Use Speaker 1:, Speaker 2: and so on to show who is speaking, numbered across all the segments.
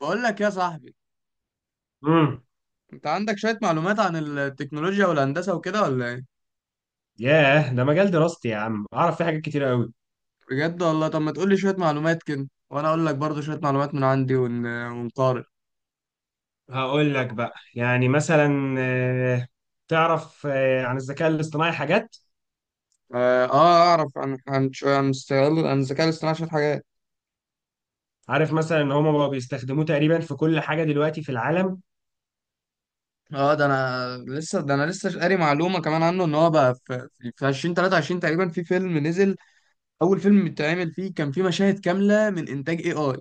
Speaker 1: بقول لك يا صاحبي،
Speaker 2: امم
Speaker 1: انت عندك شوية معلومات عن التكنولوجيا والهندسة وكده ولا ايه؟
Speaker 2: ياه ده مجال دراستي يا عم، اعرف فيه حاجات كتير قوي.
Speaker 1: بجد والله. طب ما تقول لي شوية معلومات كده وانا اقول لك برضو شوية معلومات من عندي ونقارن.
Speaker 2: هقول لك بقى، يعني مثلا تعرف عن الذكاء الاصطناعي حاجات.
Speaker 1: اه، اعرف عن عن ش- عن استغلال عن الذكاء الاصطناعي شوية حاجات.
Speaker 2: عارف مثلا ان هم بقوا بيستخدموه تقريبا في كل حاجة دلوقتي في العالم.
Speaker 1: اه، ده انا لسه قاري معلومة كمان عنه ان هو بقى في 2023 تقريبا في فيلم نزل. اول فيلم اتعمل فيه كان فيه مشاهد كاملة من انتاج اي اي،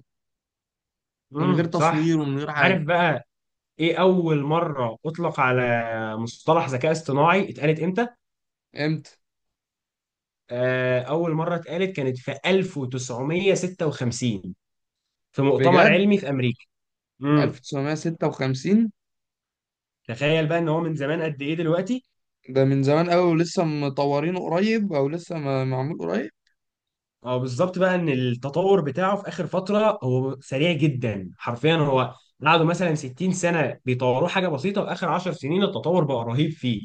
Speaker 1: من غير
Speaker 2: امم، صح.
Speaker 1: تصوير ومن غير حاجة.
Speaker 2: عارف بقى، ايه اول مرة اطلق على مصطلح ذكاء اصطناعي اتقالت امتى؟
Speaker 1: امتى؟
Speaker 2: اول مرة اتقالت كانت في 1956، في مؤتمر
Speaker 1: بجد؟
Speaker 2: علمي في امريكا. امم
Speaker 1: 1956؟
Speaker 2: تخيل بقى ان هو من زمان قد ايه دلوقتي.
Speaker 1: ده من زمان قوي ولسه مطورينه قريب، او لسه معمول قريب.
Speaker 2: اه، بالظبط بقى ان التطور بتاعه في اخر فتره هو سريع جدا، حرفيا هو قعدوا مثلا 60 سنه بيطوروه حاجه بسيطه، واخر 10 سنين التطور بقى رهيب فيه.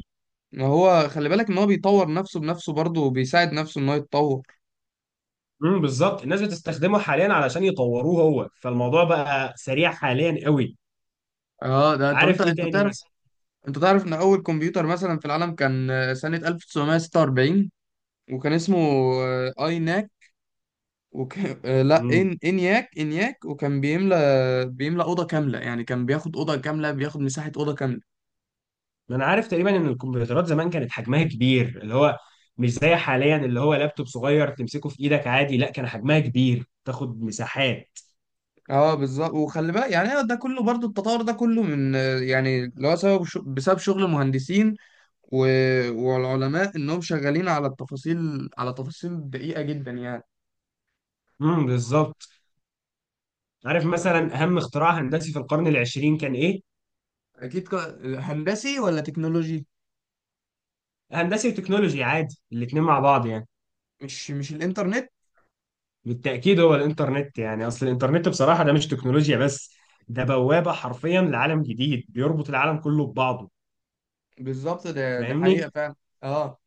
Speaker 1: ما هو خلي بالك ان هو بيطور نفسه بنفسه برضه وبيساعد نفسه ان هو يتطور.
Speaker 2: بالظبط، الناس بتستخدمه حاليا علشان يطوروه هو، فالموضوع بقى سريع حاليا قوي.
Speaker 1: اه. ده طب
Speaker 2: عارف
Speaker 1: انت
Speaker 2: ايه
Speaker 1: انت
Speaker 2: تاني
Speaker 1: تعرف.
Speaker 2: مثلا؟
Speaker 1: انت تعرف ان اول كمبيوتر مثلا في العالم كان سنة 1946، وكان اسمه اي ناك. وك... آه، لا،
Speaker 2: امم
Speaker 1: ان انياك، وكان بيملى، اوضه كامله، يعني كان بياخد اوضه كامله، بياخد مساحه اوضه كامله.
Speaker 2: انا عارف تقريبا ان الكمبيوترات زمان كانت حجمها كبير، اللي هو مش زي حاليا اللي هو لابتوب صغير تمسكه في ايدك عادي. لا، كان حجمها كبير، تاخد مساحات.
Speaker 1: اه بالظبط. وخلي بالك يعني ده كله برضو، التطور ده كله من يعني اللي هو سبب، بسبب شغل مهندسين و... والعلماء انهم شغالين على التفاصيل، على تفاصيل دقيقة جدا يعني.
Speaker 2: امم، بالظبط. عارف
Speaker 1: طب
Speaker 2: مثلا اهم اختراع هندسي في القرن العشرين كان ايه؟
Speaker 1: اكيد. هندسي ولا تكنولوجي؟
Speaker 2: هندسي وتكنولوجي عادي، الاتنين مع بعض يعني.
Speaker 1: مش الانترنت؟
Speaker 2: بالتأكيد هو الانترنت. يعني اصل الانترنت بصراحة ده مش تكنولوجيا بس، ده بوابة حرفيا لعالم جديد بيربط العالم كله ببعضه.
Speaker 1: بالظبط، ده حقيقة
Speaker 2: فاهمني؟
Speaker 1: فعلا. اه.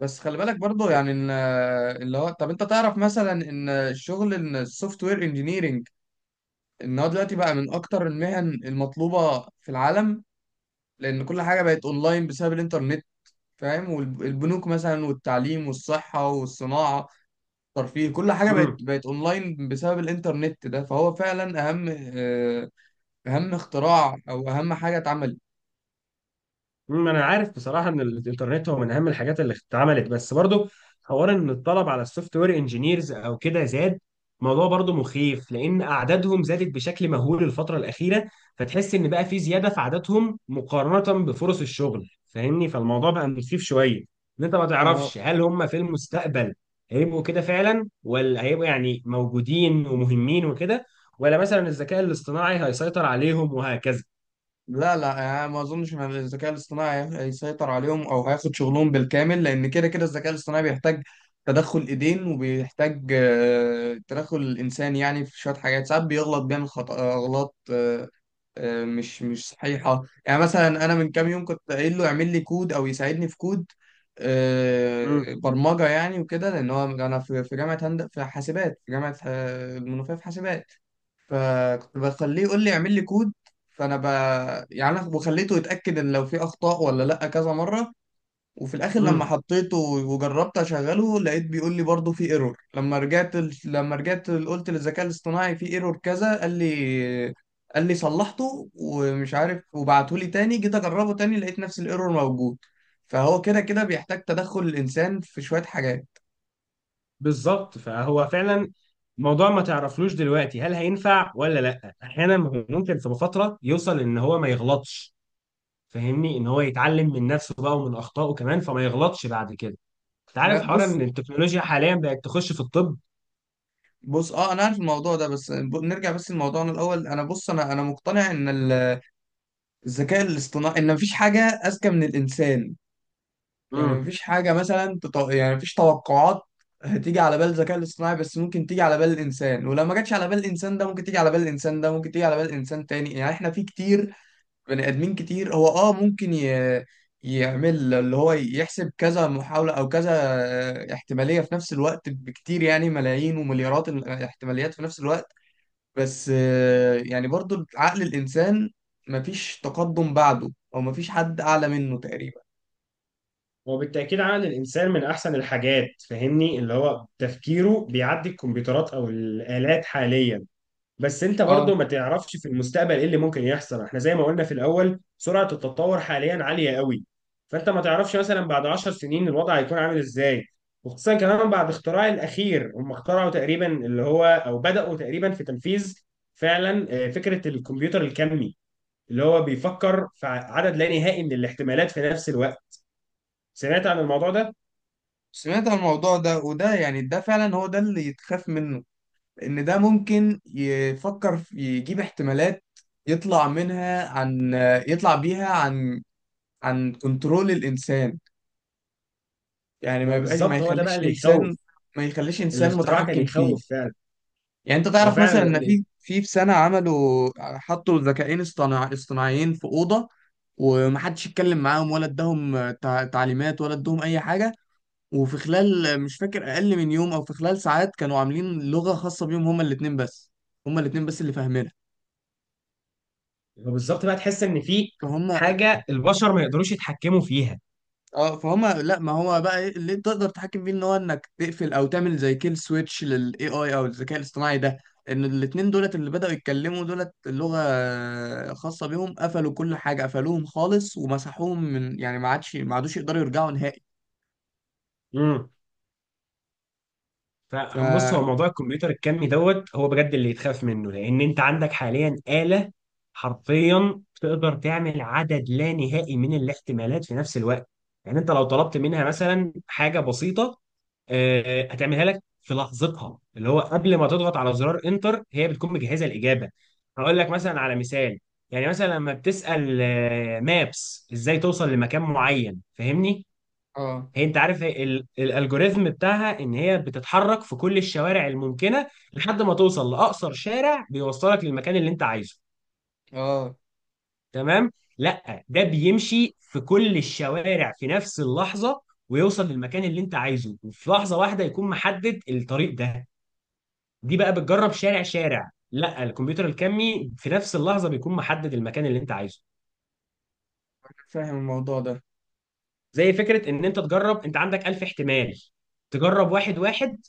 Speaker 1: بس خلي بالك برضو يعني ان اللي هو، طب انت تعرف مثلا ان شغل السوفت وير انجينيرنج، ان هو دلوقتي بقى من اكتر المهن المطلوبة في العالم، لان كل حاجة بقت اونلاين بسبب الانترنت، فاهم؟ والبنوك مثلا والتعليم والصحة والصناعة، ترفيه، كل حاجة بقت
Speaker 2: امم
Speaker 1: بقت اونلاين بسبب الانترنت ده، فهو فعلا اهم، آه، اهم اختراع او اهم حاجة اتعملت.
Speaker 2: ما انا عارف بصراحه ان الانترنت هو من اهم الحاجات اللي اتعملت. بس برضو حوار ان الطلب على السوفت وير انجينيرز او كده زاد، موضوع برضو مخيف، لان اعدادهم زادت بشكل مهول الفتره الاخيره. فتحس ان بقى في زياده في عددهم مقارنه بفرص الشغل، فاهمني؟ فالموضوع بقى مخيف شويه ان انت ما
Speaker 1: ما هو
Speaker 2: تعرفش هل هم في المستقبل هيبقوا كده فعلا، ولا هيبقوا يعني موجودين ومهمين وكده، ولا مثلا الذكاء الاصطناعي هيسيطر عليهم، وهكذا.
Speaker 1: لا، لا، يعني ما اظنش ان الذكاء الاصطناعي هيسيطر عليهم او هياخد شغلهم بالكامل، لان كده كده الذكاء الاصطناعي بيحتاج تدخل ايدين، وبيحتاج تدخل الانسان، يعني في شوية حاجات ساعات بيغلط، بيعمل خطأ، اغلاط مش صحيحة. يعني مثلا أنا من كام يوم كنت قايل له يعمل لي كود أو يساعدني في كود، برمجة يعني وكده، لأن هو أنا في جامعة هند في حاسبات، في جامعة المنوفية في حاسبات. فكنت بخليه يقول لي اعمل لي كود. فأنا ب يعني أنا وخليته يتأكد إن لو في أخطاء ولا لأ كذا مرة. وفي الاخر لما
Speaker 2: امم
Speaker 1: حطيته وجربت اشغله لقيت بيقول لي برضه في ايرور. لما رجعت قلت للذكاء الاصطناعي في ايرور كذا، قال لي، قال لي صلحته ومش عارف، وبعته لي تاني، جيت اجربه تاني لقيت نفس الايرور موجود. فهو كده كده بيحتاج تدخل الانسان في شوية حاجات.
Speaker 2: بالظبط، فهو فعلا موضوع ما تعرفلوش دلوقتي هل هينفع ولا لا. احيانا هو ممكن في فتره يوصل ان هو ما يغلطش، فاهمني؟ ان هو يتعلم من نفسه بقى ومن اخطائه كمان، فما يغلطش بعد كده. انت عارف
Speaker 1: لا
Speaker 2: حوار ان
Speaker 1: بص.
Speaker 2: التكنولوجيا حاليا بقت تخش في الطب؟
Speaker 1: اه انا عارف الموضوع ده، بس نرجع بس لموضوعنا الاول. انا بص، انا مقتنع ان الذكاء الاصطناعي، ان مفيش حاجة اذكى من الانسان. يعني
Speaker 2: امم
Speaker 1: مفيش حاجة مثلا يعني مفيش توقعات هتيجي على بال الذكاء الاصطناعي، بس ممكن تيجي على بال الإنسان، ولو ما جاتش على بال الإنسان ده ممكن تيجي على بال الإنسان ده، ممكن تيجي على بال إنسان تاني. يعني إحنا في كتير، بني آدمين كتير. هو ممكن يعمل اللي هو يحسب كذا محاولة أو كذا احتمالية في نفس الوقت بكتير، يعني ملايين ومليارات الاحتماليات في نفس الوقت. بس يعني برضو عقل الإنسان، مفيش تقدم بعده أو مفيش حد أعلى منه تقريبا.
Speaker 2: وبالتاكيد عمل الانسان من احسن الحاجات، فاهمني؟ اللي هو تفكيره بيعدي الكمبيوترات او الالات حاليا. بس انت
Speaker 1: اه.
Speaker 2: برضه ما تعرفش في المستقبل ايه اللي ممكن يحصل. احنا زي ما قلنا في الاول، سرعة التطور حاليا عالية قوي، فانت ما تعرفش مثلا بعد 10 سنين الوضع هيكون عامل ازاي. وخصوصا كمان بعد اختراع الاخير، هم اخترعوا تقريبا اللي هو، او بدأوا تقريبا في تنفيذ فعلا فكرة الكمبيوتر الكمي، اللي هو بيفكر في عدد لا نهائي من الاحتمالات في نفس الوقت. سمعت عن الموضوع ده؟
Speaker 1: سمعت عن الموضوع ده، وده يعني ده فعلا هو ده اللي يتخاف منه، ان ده ممكن يفكر في، يجيب احتمالات يطلع منها عن يطلع بيها عن كنترول الانسان. يعني ما
Speaker 2: ما
Speaker 1: يبقاش،
Speaker 2: بالظبط، هو ده بقى اللي يخوف.
Speaker 1: ما يخليش انسان
Speaker 2: الاختراع كان
Speaker 1: متحكم فيه.
Speaker 2: يخوف فعلا.
Speaker 1: يعني انت
Speaker 2: هو
Speaker 1: تعرف مثلا
Speaker 2: فعلا
Speaker 1: ان في سنة عملوا، حطوا ذكاءين اصطناعيين في أوضة، ومحدش يتكلم معاهم ولا اداهم تعليمات ولا اداهم اي حاجة. وفي خلال، مش فاكر، اقل من يوم او في خلال ساعات، كانوا عاملين لغه خاصه بيهم هما الاثنين بس، هما الاثنين بس اللي فاهمينها.
Speaker 2: هو بالظبط بقى، تحس ان في
Speaker 1: فهم
Speaker 2: حاجه البشر ما يقدروش يتحكموا فيها.
Speaker 1: اه فهم. لا ما هو بقى إيه اللي تقدر تتحكم فيه؟ ان هو انك تقفل او تعمل زي كيل سويتش للاي اي او الذكاء الاصطناعي ده، ان الاثنين دولت اللي بداوا يتكلموا دولت لغه خاصه بيهم، قفلوا كل حاجه، قفلوهم خالص ومسحوهم، من يعني ما عادوش يقدروا يرجعوا نهائي.
Speaker 2: مم.
Speaker 1: ف
Speaker 2: فبص، هو موضوع الكمبيوتر الكمي دوت هو بجد اللي يتخاف منه، لان انت عندك حاليا آلة حرفيا تقدر تعمل عدد لا نهائي من الاحتمالات في نفس الوقت. يعني انت لو طلبت منها مثلا حاجة بسيطة، هتعملها لك في لحظتها. اللي هو قبل ما تضغط على زرار انتر، هي بتكون مجهزه الاجابه. هقول لك مثلا على مثال. يعني مثلا لما بتسال مابس ازاي توصل لمكان معين، فاهمني؟
Speaker 1: اه
Speaker 2: هي انت عارف، هي الالجوريزم بتاعها ان هي بتتحرك في كل الشوارع الممكنه لحد ما توصل لاقصر شارع بيوصلك للمكان اللي انت عايزه،
Speaker 1: اه
Speaker 2: تمام؟ لا، ده بيمشي في كل الشوارع في نفس اللحظه ويوصل للمكان اللي انت عايزه، وفي لحظه واحده يكون محدد الطريق ده. دي بقى بتجرب شارع شارع، لا الكمبيوتر الكمي في نفس اللحظه بيكون محدد المكان اللي انت عايزه.
Speaker 1: فاهم الموضوع ده.
Speaker 2: زي فكره ان انت تجرب، انت عندك 1000 احتمال، تجرب واحد واحد،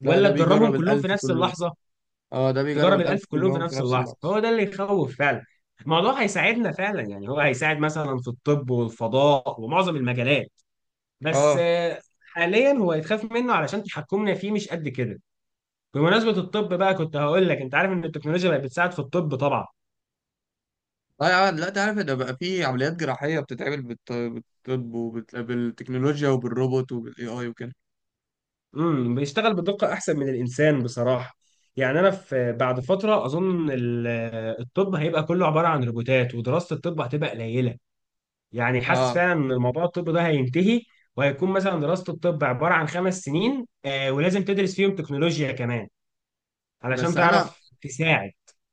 Speaker 1: لا،
Speaker 2: ولا
Speaker 1: ده
Speaker 2: تجربهم
Speaker 1: بيجرب
Speaker 2: كلهم في
Speaker 1: الألف
Speaker 2: نفس
Speaker 1: كله.
Speaker 2: اللحظه؟
Speaker 1: اه، ده بيجرب
Speaker 2: تجرب
Speaker 1: الألف
Speaker 2: الألف كلهم في
Speaker 1: كلهم في
Speaker 2: نفس
Speaker 1: نفس
Speaker 2: اللحظة،
Speaker 1: اللحظة.
Speaker 2: هو ده اللي يخوف فعلا. الموضوع هيساعدنا فعلا، يعني هو هيساعد مثلا في الطب والفضاء ومعظم المجالات. بس
Speaker 1: اه.
Speaker 2: حاليا هو يتخاف منه علشان تحكمنا فيه مش قد كده. بمناسبة الطب بقى، كنت هقول لك: انت عارف ان التكنولوجيا بقت بتساعد في الطب طبعا؟
Speaker 1: لا يا عم، لا تعرف؟ ده بقى في عمليات جراحية بتتعمل بالطب وبالتكنولوجيا وبالروبوت وبالاي اي وكده.
Speaker 2: بيشتغل بدقة احسن من الانسان بصراحة. يعني انا في بعد فترة، اظن الطب هيبقى كله عبارة عن روبوتات، ودراسة الطب هتبقى قليلة. يعني حاسس
Speaker 1: اه.
Speaker 2: فعلا ان الموضوع الطب ده هينتهي، وهيكون مثلا دراسة الطب عبارة عن خمس سنين، ولازم تدرس فيهم تكنولوجيا كمان علشان
Speaker 1: بس انا
Speaker 2: تعرف تساعد.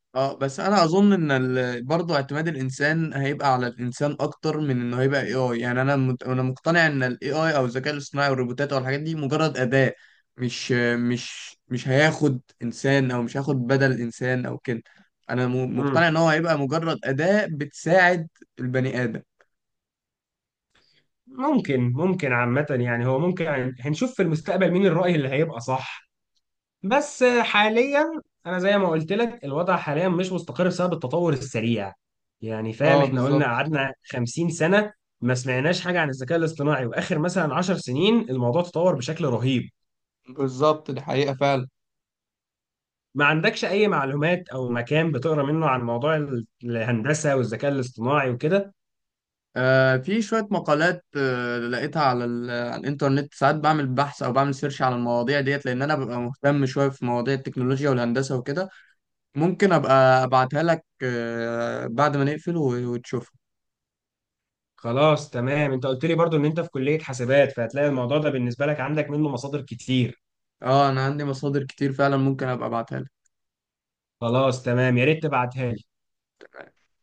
Speaker 1: اه بس انا اظن ان برضه اعتماد الانسان هيبقى على الانسان اكتر من انه هيبقى اي اي. يعني انا انا مقتنع ان الاي اي او الذكاء الاصطناعي والروبوتات والحاجات دي مجرد اداة، مش مش هياخد انسان، او مش هياخد بدل انسان او كده. انا
Speaker 2: مم.
Speaker 1: مقتنع ان هو هيبقى مجرد اداة بتساعد البني ادم.
Speaker 2: ممكن، ممكن عامة. يعني هو ممكن، يعني هنشوف في المستقبل مين الرأي اللي هيبقى صح. بس حاليا انا زي ما قلت لك، الوضع حاليا مش مستقر بسبب التطور السريع. يعني فاهم،
Speaker 1: اه
Speaker 2: احنا قلنا
Speaker 1: بالظبط.
Speaker 2: قعدنا 50 سنة ما سمعناش حاجة عن الذكاء الاصطناعي، واخر مثلا 10 سنين الموضوع تطور بشكل رهيب.
Speaker 1: دي حقيقة فعلا.
Speaker 2: ما عندكش اي معلومات او مكان بتقرا منه عن موضوع الهندسه والذكاء الاصطناعي وكده؟
Speaker 1: في شوية مقالات لقيتها على على الإنترنت. ساعات بعمل بحث أو بعمل سيرش على المواضيع ديت، لأن أنا ببقى مهتم شوية في مواضيع التكنولوجيا والهندسة وكده. ممكن أبقى أبعتها لك بعد ما نقفل وتشوفها.
Speaker 2: خلاص، تمام. انت قلت لي برضو ان انت في كليه حاسبات، فهتلاقي الموضوع ده بالنسبه لك عندك منه مصادر كتير.
Speaker 1: أه، أنا عندي مصادر كتير فعلا، ممكن أبقى أبعتها
Speaker 2: خلاص، تمام، يا ريت تبعتها لي.
Speaker 1: لك.